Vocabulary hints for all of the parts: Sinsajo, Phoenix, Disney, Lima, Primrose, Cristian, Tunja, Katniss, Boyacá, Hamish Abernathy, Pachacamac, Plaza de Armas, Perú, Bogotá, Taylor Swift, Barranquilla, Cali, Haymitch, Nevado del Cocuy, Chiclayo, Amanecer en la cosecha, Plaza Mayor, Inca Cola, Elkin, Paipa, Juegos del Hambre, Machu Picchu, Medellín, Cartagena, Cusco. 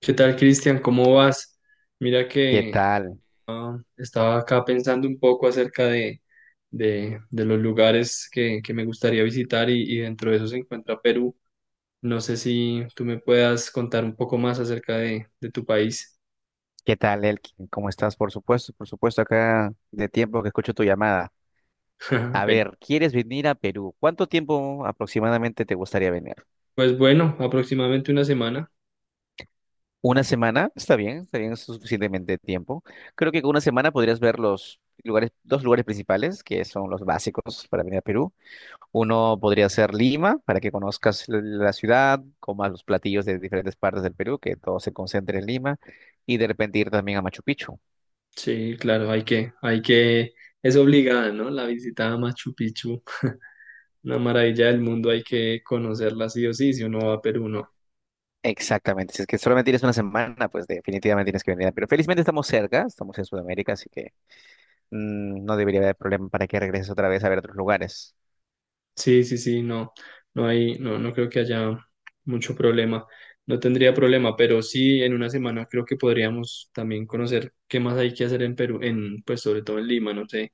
¿Qué tal, Cristian? ¿Cómo vas? Mira ¿Qué que tal? estaba acá pensando un poco acerca de los lugares que me gustaría visitar y dentro de eso se encuentra Perú. No sé si tú me puedas contar un poco más acerca de tu país. ¿Qué tal, Elkin? ¿Cómo estás? Por supuesto, acá de tiempo que escucho tu llamada. A Apenas. ver, ¿quieres venir a Perú? ¿Cuánto tiempo aproximadamente te gustaría venir? Pues bueno, aproximadamente una semana. ¿Una semana? Está bien, es suficientemente tiempo. Creo que con una semana podrías ver los lugares, dos lugares principales, que son los básicos para venir a Perú. Uno podría ser Lima, para que conozcas la ciudad, comas los platillos de diferentes partes del Perú, que todo se concentre en Lima, y de repente ir también a Machu Picchu. Sí, claro, es obligada, ¿no? La visita a Machu Picchu, una maravilla del mundo, hay que conocerla sí o sí, si uno va a Perú, ¿no? Exactamente, si es que solamente tienes una semana, pues definitivamente tienes que venir. Pero felizmente estamos cerca, estamos en Sudamérica, así que no debería haber problema para que regreses otra vez a ver otros lugares. Sí, sí, sí, no, no creo que haya mucho problema. No tendría problema, pero sí en una semana creo que podríamos también conocer qué más hay que hacer en Perú, pues sobre todo en Lima, no sé,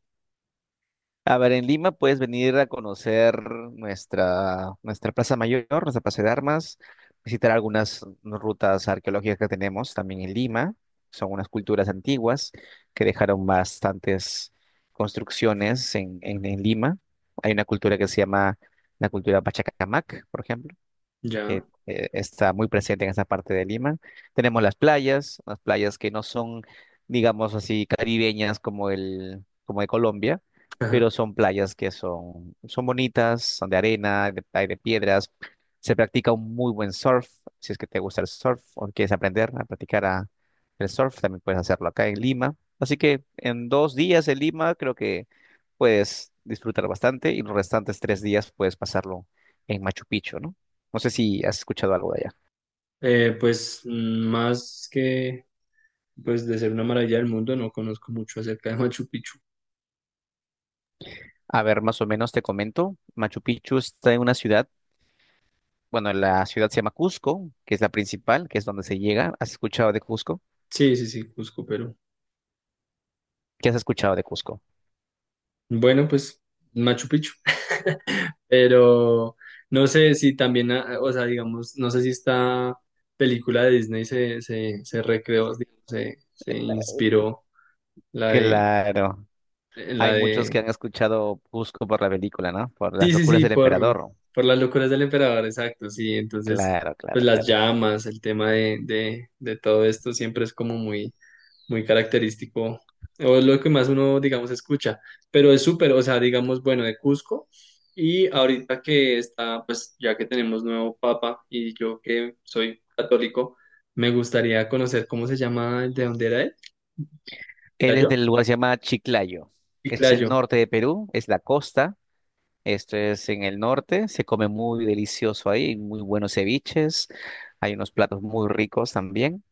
A ver, en Lima puedes venir a conocer nuestra Plaza Mayor, nuestra Plaza de Armas, visitar algunas rutas arqueológicas que tenemos también en Lima. Son unas culturas antiguas que dejaron bastantes construcciones en Lima. Hay una cultura que se llama la cultura Pachacamac, por ejemplo, que ya. Está muy presente en esa parte de Lima. Tenemos las playas que no son, digamos así, caribeñas como el, como de Colombia, pero Ajá. son playas que son bonitas, son de arena, hay de piedras. Se practica un muy buen surf, si es que te gusta el surf o quieres aprender a practicar el surf, también puedes hacerlo acá en Lima. Así que en 2 días en Lima creo que puedes disfrutar bastante y los restantes 3 días puedes pasarlo en Machu Picchu, ¿no? No sé si has escuchado algo de allá. Pues más que pues de ser una maravilla del mundo, no conozco mucho acerca de Machu Picchu. A ver, más o menos te comento. Machu Picchu está en una ciudad, bueno, la ciudad se llama Cusco, que es la principal, que es donde se llega. ¿Has escuchado de Cusco? Sí, sí, sí, Cusco, Perú. ¿Qué has escuchado de Cusco? Bueno, pues Machu Picchu. Pero no sé si también, o sea, digamos, no sé si esta película de Disney se recreó, digamos, se inspiró la de, Claro, la hay muchos de que han escuchado Cusco por la película, ¿no? Por las Sí, sí, locuras sí, del por, emperador. por las locuras del emperador, exacto, sí. Entonces, Claro, pues claro, las claro. llamas, el tema de todo esto siempre es como muy, muy característico, o es lo que más uno, digamos, escucha. Pero es súper, o sea, digamos, bueno, de Cusco. Y ahorita que está, pues ya que tenemos nuevo papa y yo que soy católico, me gustaría conocer cómo se llama, el de dónde era él. Él es ¿Chiclayo? del lugar que se llama Chiclayo. Es el Chiclayo. norte de Perú, es la costa. Esto es en el norte, se come muy delicioso ahí, hay muy buenos ceviches, hay unos platos muy ricos también.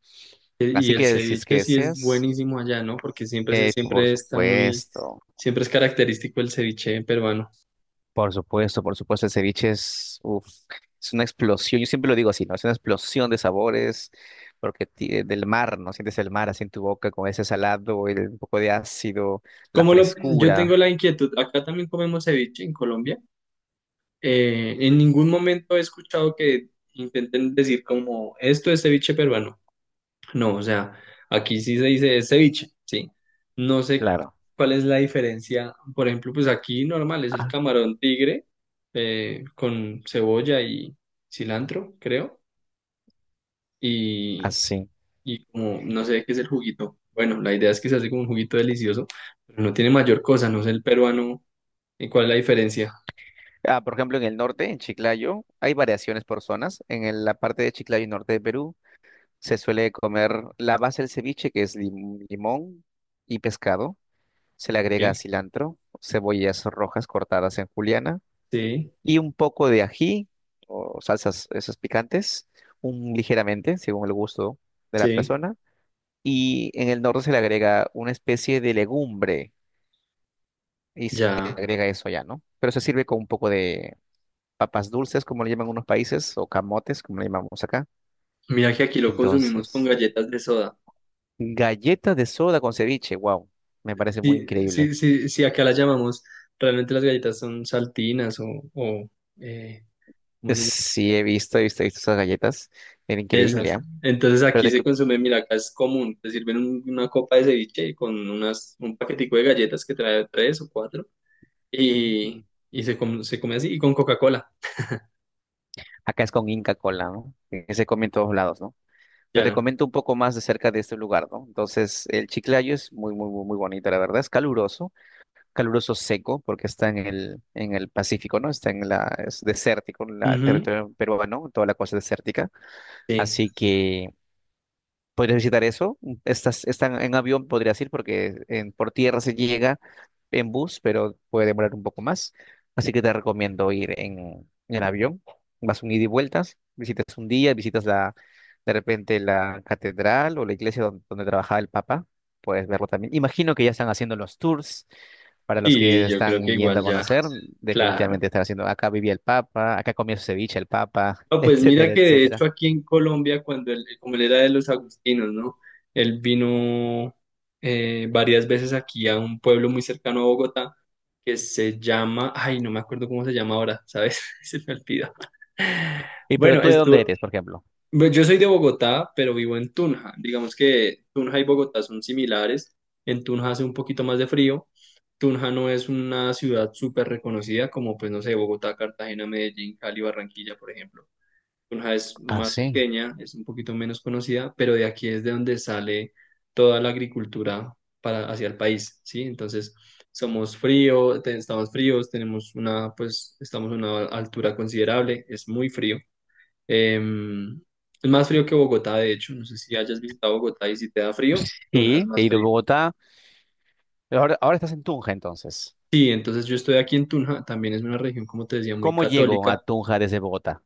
Y Así el que si es que ceviche sí es deseas, buenísimo allá, ¿no? Porque siempre, por siempre está muy, supuesto, siempre es característico el ceviche peruano. por supuesto, por supuesto, el ceviche es, uf, es una explosión, yo siempre lo digo así, ¿no? Es una explosión de sabores, porque del mar, ¿no? Sientes el mar así en tu boca con ese salado, un poco de ácido, la Como lo, yo frescura, tengo la inquietud, acá también comemos ceviche en Colombia. En ningún momento he escuchado que intenten decir como esto es ceviche peruano. No, o sea, aquí sí se dice es ceviche, sí. No sé claro, cuál es la diferencia. Por ejemplo, pues aquí normal es el ah, camarón tigre con cebolla y cilantro, creo. y así. y como no sé qué es el juguito. Bueno, la idea es que se hace como un juguito delicioso, pero no tiene mayor cosa, no sé el peruano, ¿y cuál es la diferencia? Ah, por ejemplo, en el norte, en Chiclayo, hay variaciones por zonas. La parte de Chiclayo y norte de Perú se suele comer la base del ceviche, que es limón y pescado. Se le Sí, agrega cilantro, cebollas rojas cortadas en juliana sí, y un poco de ají o salsas esas picantes, un ligeramente, según el gusto de la sí, persona. Y en el norte se le agrega una especie de legumbre y se le ya. agrega eso ya, ¿no? Pero se sirve con un poco de papas dulces, como le llaman en unos países, o camotes, como le llamamos acá. Mira que aquí lo consumimos con Entonces, galletas de soda. galleta de soda con ceviche, wow, me parece muy Sí, increíble. sí, sí, sí, acá las llamamos, realmente las galletas son saltinas o eh, ¿cómo se llama? Sí, he visto, he visto, he visto esas galletas, era increíble, Esas. ¿ah? Entonces Pero aquí te se cu- consume, mira, acá es común, te sirven una copa de ceviche con un paquetico de galletas que trae tres o cuatro y, Mm. y se come así y con Coca-Cola. acá es con Inca Cola, ¿no? Que se come en todos lados, ¿no? Pero te Ya, comento un poco más de cerca de este lugar, ¿no? Entonces, el Chiclayo es muy, muy, muy, muy bonito, la verdad. Es caluroso, caluroso seco, porque está en el Pacífico, ¿no? Es desértico, en la ujú, territorio peruano, toda la cosa desértica. sí, Así que podrías visitar eso. Están en avión, podrías ir, porque por tierra se llega en bus, pero puede demorar un poco más. Así que te recomiendo ir en avión. Vas un ida y vueltas, visitas un día, de repente la catedral o la iglesia donde, trabajaba el Papa. Puedes verlo también. Imagino que ya están haciendo los tours para los que y yo creo que están yendo a igual ya, conocer. claro. Definitivamente están haciendo. Acá vivía el Papa, acá comía su ceviche el Papa, No, pues mira etcétera, que de etcétera. hecho aquí en Colombia, cuando él, como él era de los agustinos, ¿no? Él vino varias veces aquí a un pueblo muy cercano a Bogotá que se llama, ay, no me acuerdo cómo se llama ahora, ¿sabes? Se me olvidó. ¿Y pero Bueno, tú de dónde estuvo, eres, por ejemplo? Pues yo soy de Bogotá, pero vivo en Tunja. Digamos que Tunja y Bogotá son similares. En Tunja hace un poquito más de frío. Tunja no es una ciudad súper reconocida como, pues no sé, Bogotá, Cartagena, Medellín, Cali, Barranquilla, por ejemplo. Tunja es Ah, más sí. pequeña, es un poquito menos conocida, pero de aquí es de donde sale toda la agricultura para hacia el país, ¿sí? Entonces, somos frío, estamos fríos, pues, estamos a una altura considerable, es muy frío. Em, es más frío que Bogotá, de hecho. No sé si hayas visitado Bogotá y si te da frío, Tunja es Sí, he más ido a frío. Bogotá. Pero ahora estás en Tunja, entonces. Sí, entonces yo estoy aquí en Tunja, también es una región, como te decía, muy ¿Cómo llego a católica. Tunja desde Bogotá?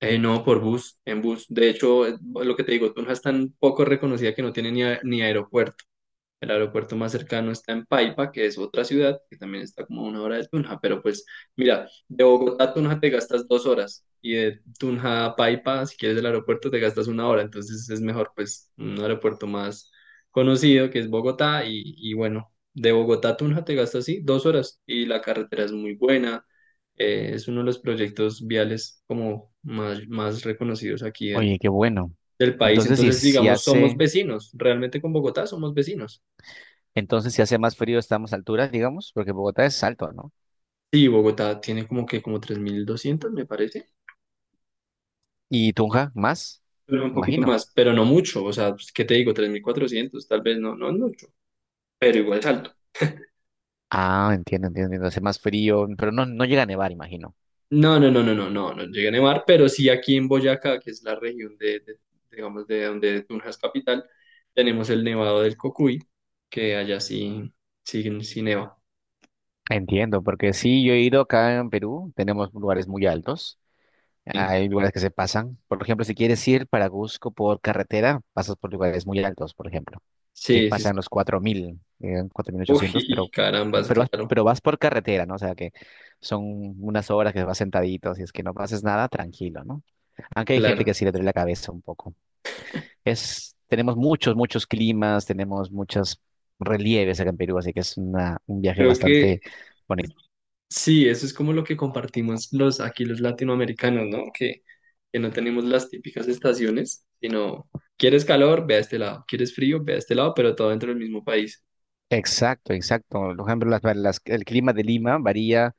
No, por bus, en bus. De hecho, lo que te digo, Tunja es tan poco reconocida que no tiene ni aeropuerto. El aeropuerto más cercano está en Paipa, que es otra ciudad, que también está como a 1 hora de Tunja, pero pues mira, de Bogotá a Tunja te gastas 2 horas y de Tunja a Paipa, si quieres el aeropuerto, te gastas 1 hora, entonces es mejor pues un aeropuerto más conocido que es Bogotá y bueno, de Bogotá a Tunja te gastas sí 2 horas y la carretera es muy buena, es uno de los proyectos viales como más, más reconocidos aquí del, Oye, qué bueno. del país, Entonces, entonces digamos, somos vecinos, realmente con Bogotá somos vecinos. Si hace más frío, estamos a altura, digamos, porque Bogotá es alto, ¿no? Sí, Bogotá tiene como 3.200, me parece, ¿Y Tunja más? pero un poquito Imagino. más, pero no mucho, o sea, pues, ¿qué te digo? 3.400, tal vez no, no es mucho, pero igual es alto. Ah, entiendo, entiendo, entiendo. Hace más frío, pero no, no llega a nevar, imagino. No, no, no, no, no, no, no llega a nevar, pero sí aquí en Boyacá, que es la región digamos, de donde Tunja es capital, tenemos el Nevado del Cocuy, que allá sí, sí, sí neva. Entiendo, porque sí, yo he ido acá en Perú, tenemos lugares muy altos. Hay lugares que se pasan. Por ejemplo, si quieres ir para Cusco por carretera, pasas por lugares muy altos, por ejemplo, que Sí, sí, sí. pasan los 4.000, 4.800, Uy, pero, carambas, pero, vas- claro, pero vas por carretera, ¿no? O sea que son unas horas que vas sentadito, si es que no pases nada, tranquilo, ¿no? Aunque hay claro. gente que sí le duele la cabeza un poco. Tenemos muchos, muchos climas, tenemos muchos relieves acá en Perú, así que es un viaje Creo que bastante bonito. Sí, eso es como lo que compartimos los aquí los latinoamericanos, ¿no? Que no tenemos las típicas estaciones, sino quieres calor, ve a este lado, quieres frío, ve a este lado, pero todo dentro del mismo país. Exacto, exacto. Por ejemplo, El clima de Lima varía.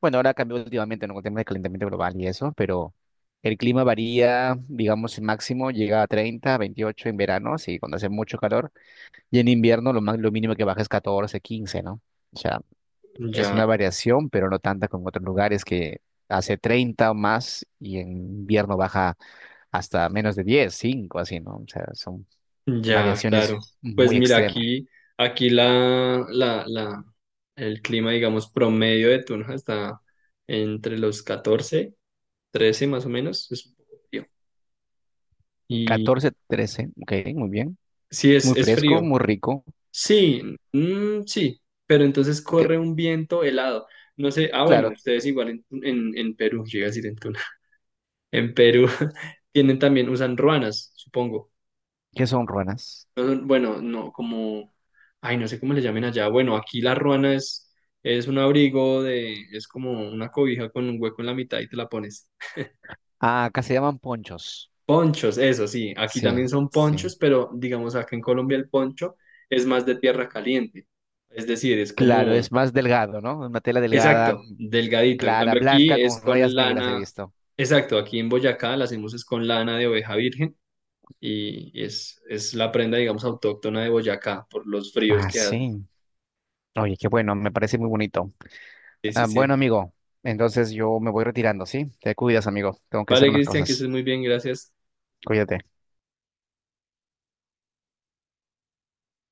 Bueno, ahora cambió últimamente, ¿no? Con el tema del calentamiento global y eso, pero el clima varía, digamos, el máximo llega a 30, 28 en verano, sí, cuando hace mucho calor, y en invierno lo mínimo que baja es 14, 15, ¿no? O sea, es Ya, una variación, pero no tanta como en otros lugares que hace 30 o más y en invierno baja hasta menos de 10, 5, así, ¿no? O sea, son ya, claro. variaciones Pues muy mira, extremas. aquí el clima, digamos, promedio de Tunja está entre los 14, 13 más o menos, es un poco frío. Y 14, 13, ok, muy bien, sí, es, muy es fresco, frío, muy rico, sí, mm, sí, pero entonces que- corre un viento helado. No sé, bueno, claro, ustedes igual en, Perú, llega a decir en Tuna, en Perú tienen también, usan ruanas, supongo. que son ruanas. Bueno, no, como, ay, no sé cómo le llamen allá. Bueno, aquí la ruana es un abrigo de, es como una cobija con un hueco en la mitad y te la pones. Ah, acá se llaman ponchos. Ponchos, eso sí, aquí también Sí, son sí. ponchos, pero digamos acá en Colombia el poncho es más de tierra caliente. Es decir, es Claro, como es más delgado, ¿no? Una tela delgada, Exacto, delgadito. En clara, cambio aquí blanca, es con con rayas negras he lana. visto. Exacto, aquí en Boyacá la hacemos es con lana de oveja virgen y es la prenda, digamos, autóctona de Boyacá por los fríos Ah, que hace. sí. Oye, qué bueno, me parece muy bonito. Sí, sí, Ah, bueno, sí. amigo, entonces yo me voy retirando, ¿sí? Te cuidas, amigo. Tengo que hacer Vale, unas Cristian, que estés cosas. muy bien, gracias. Cuídate.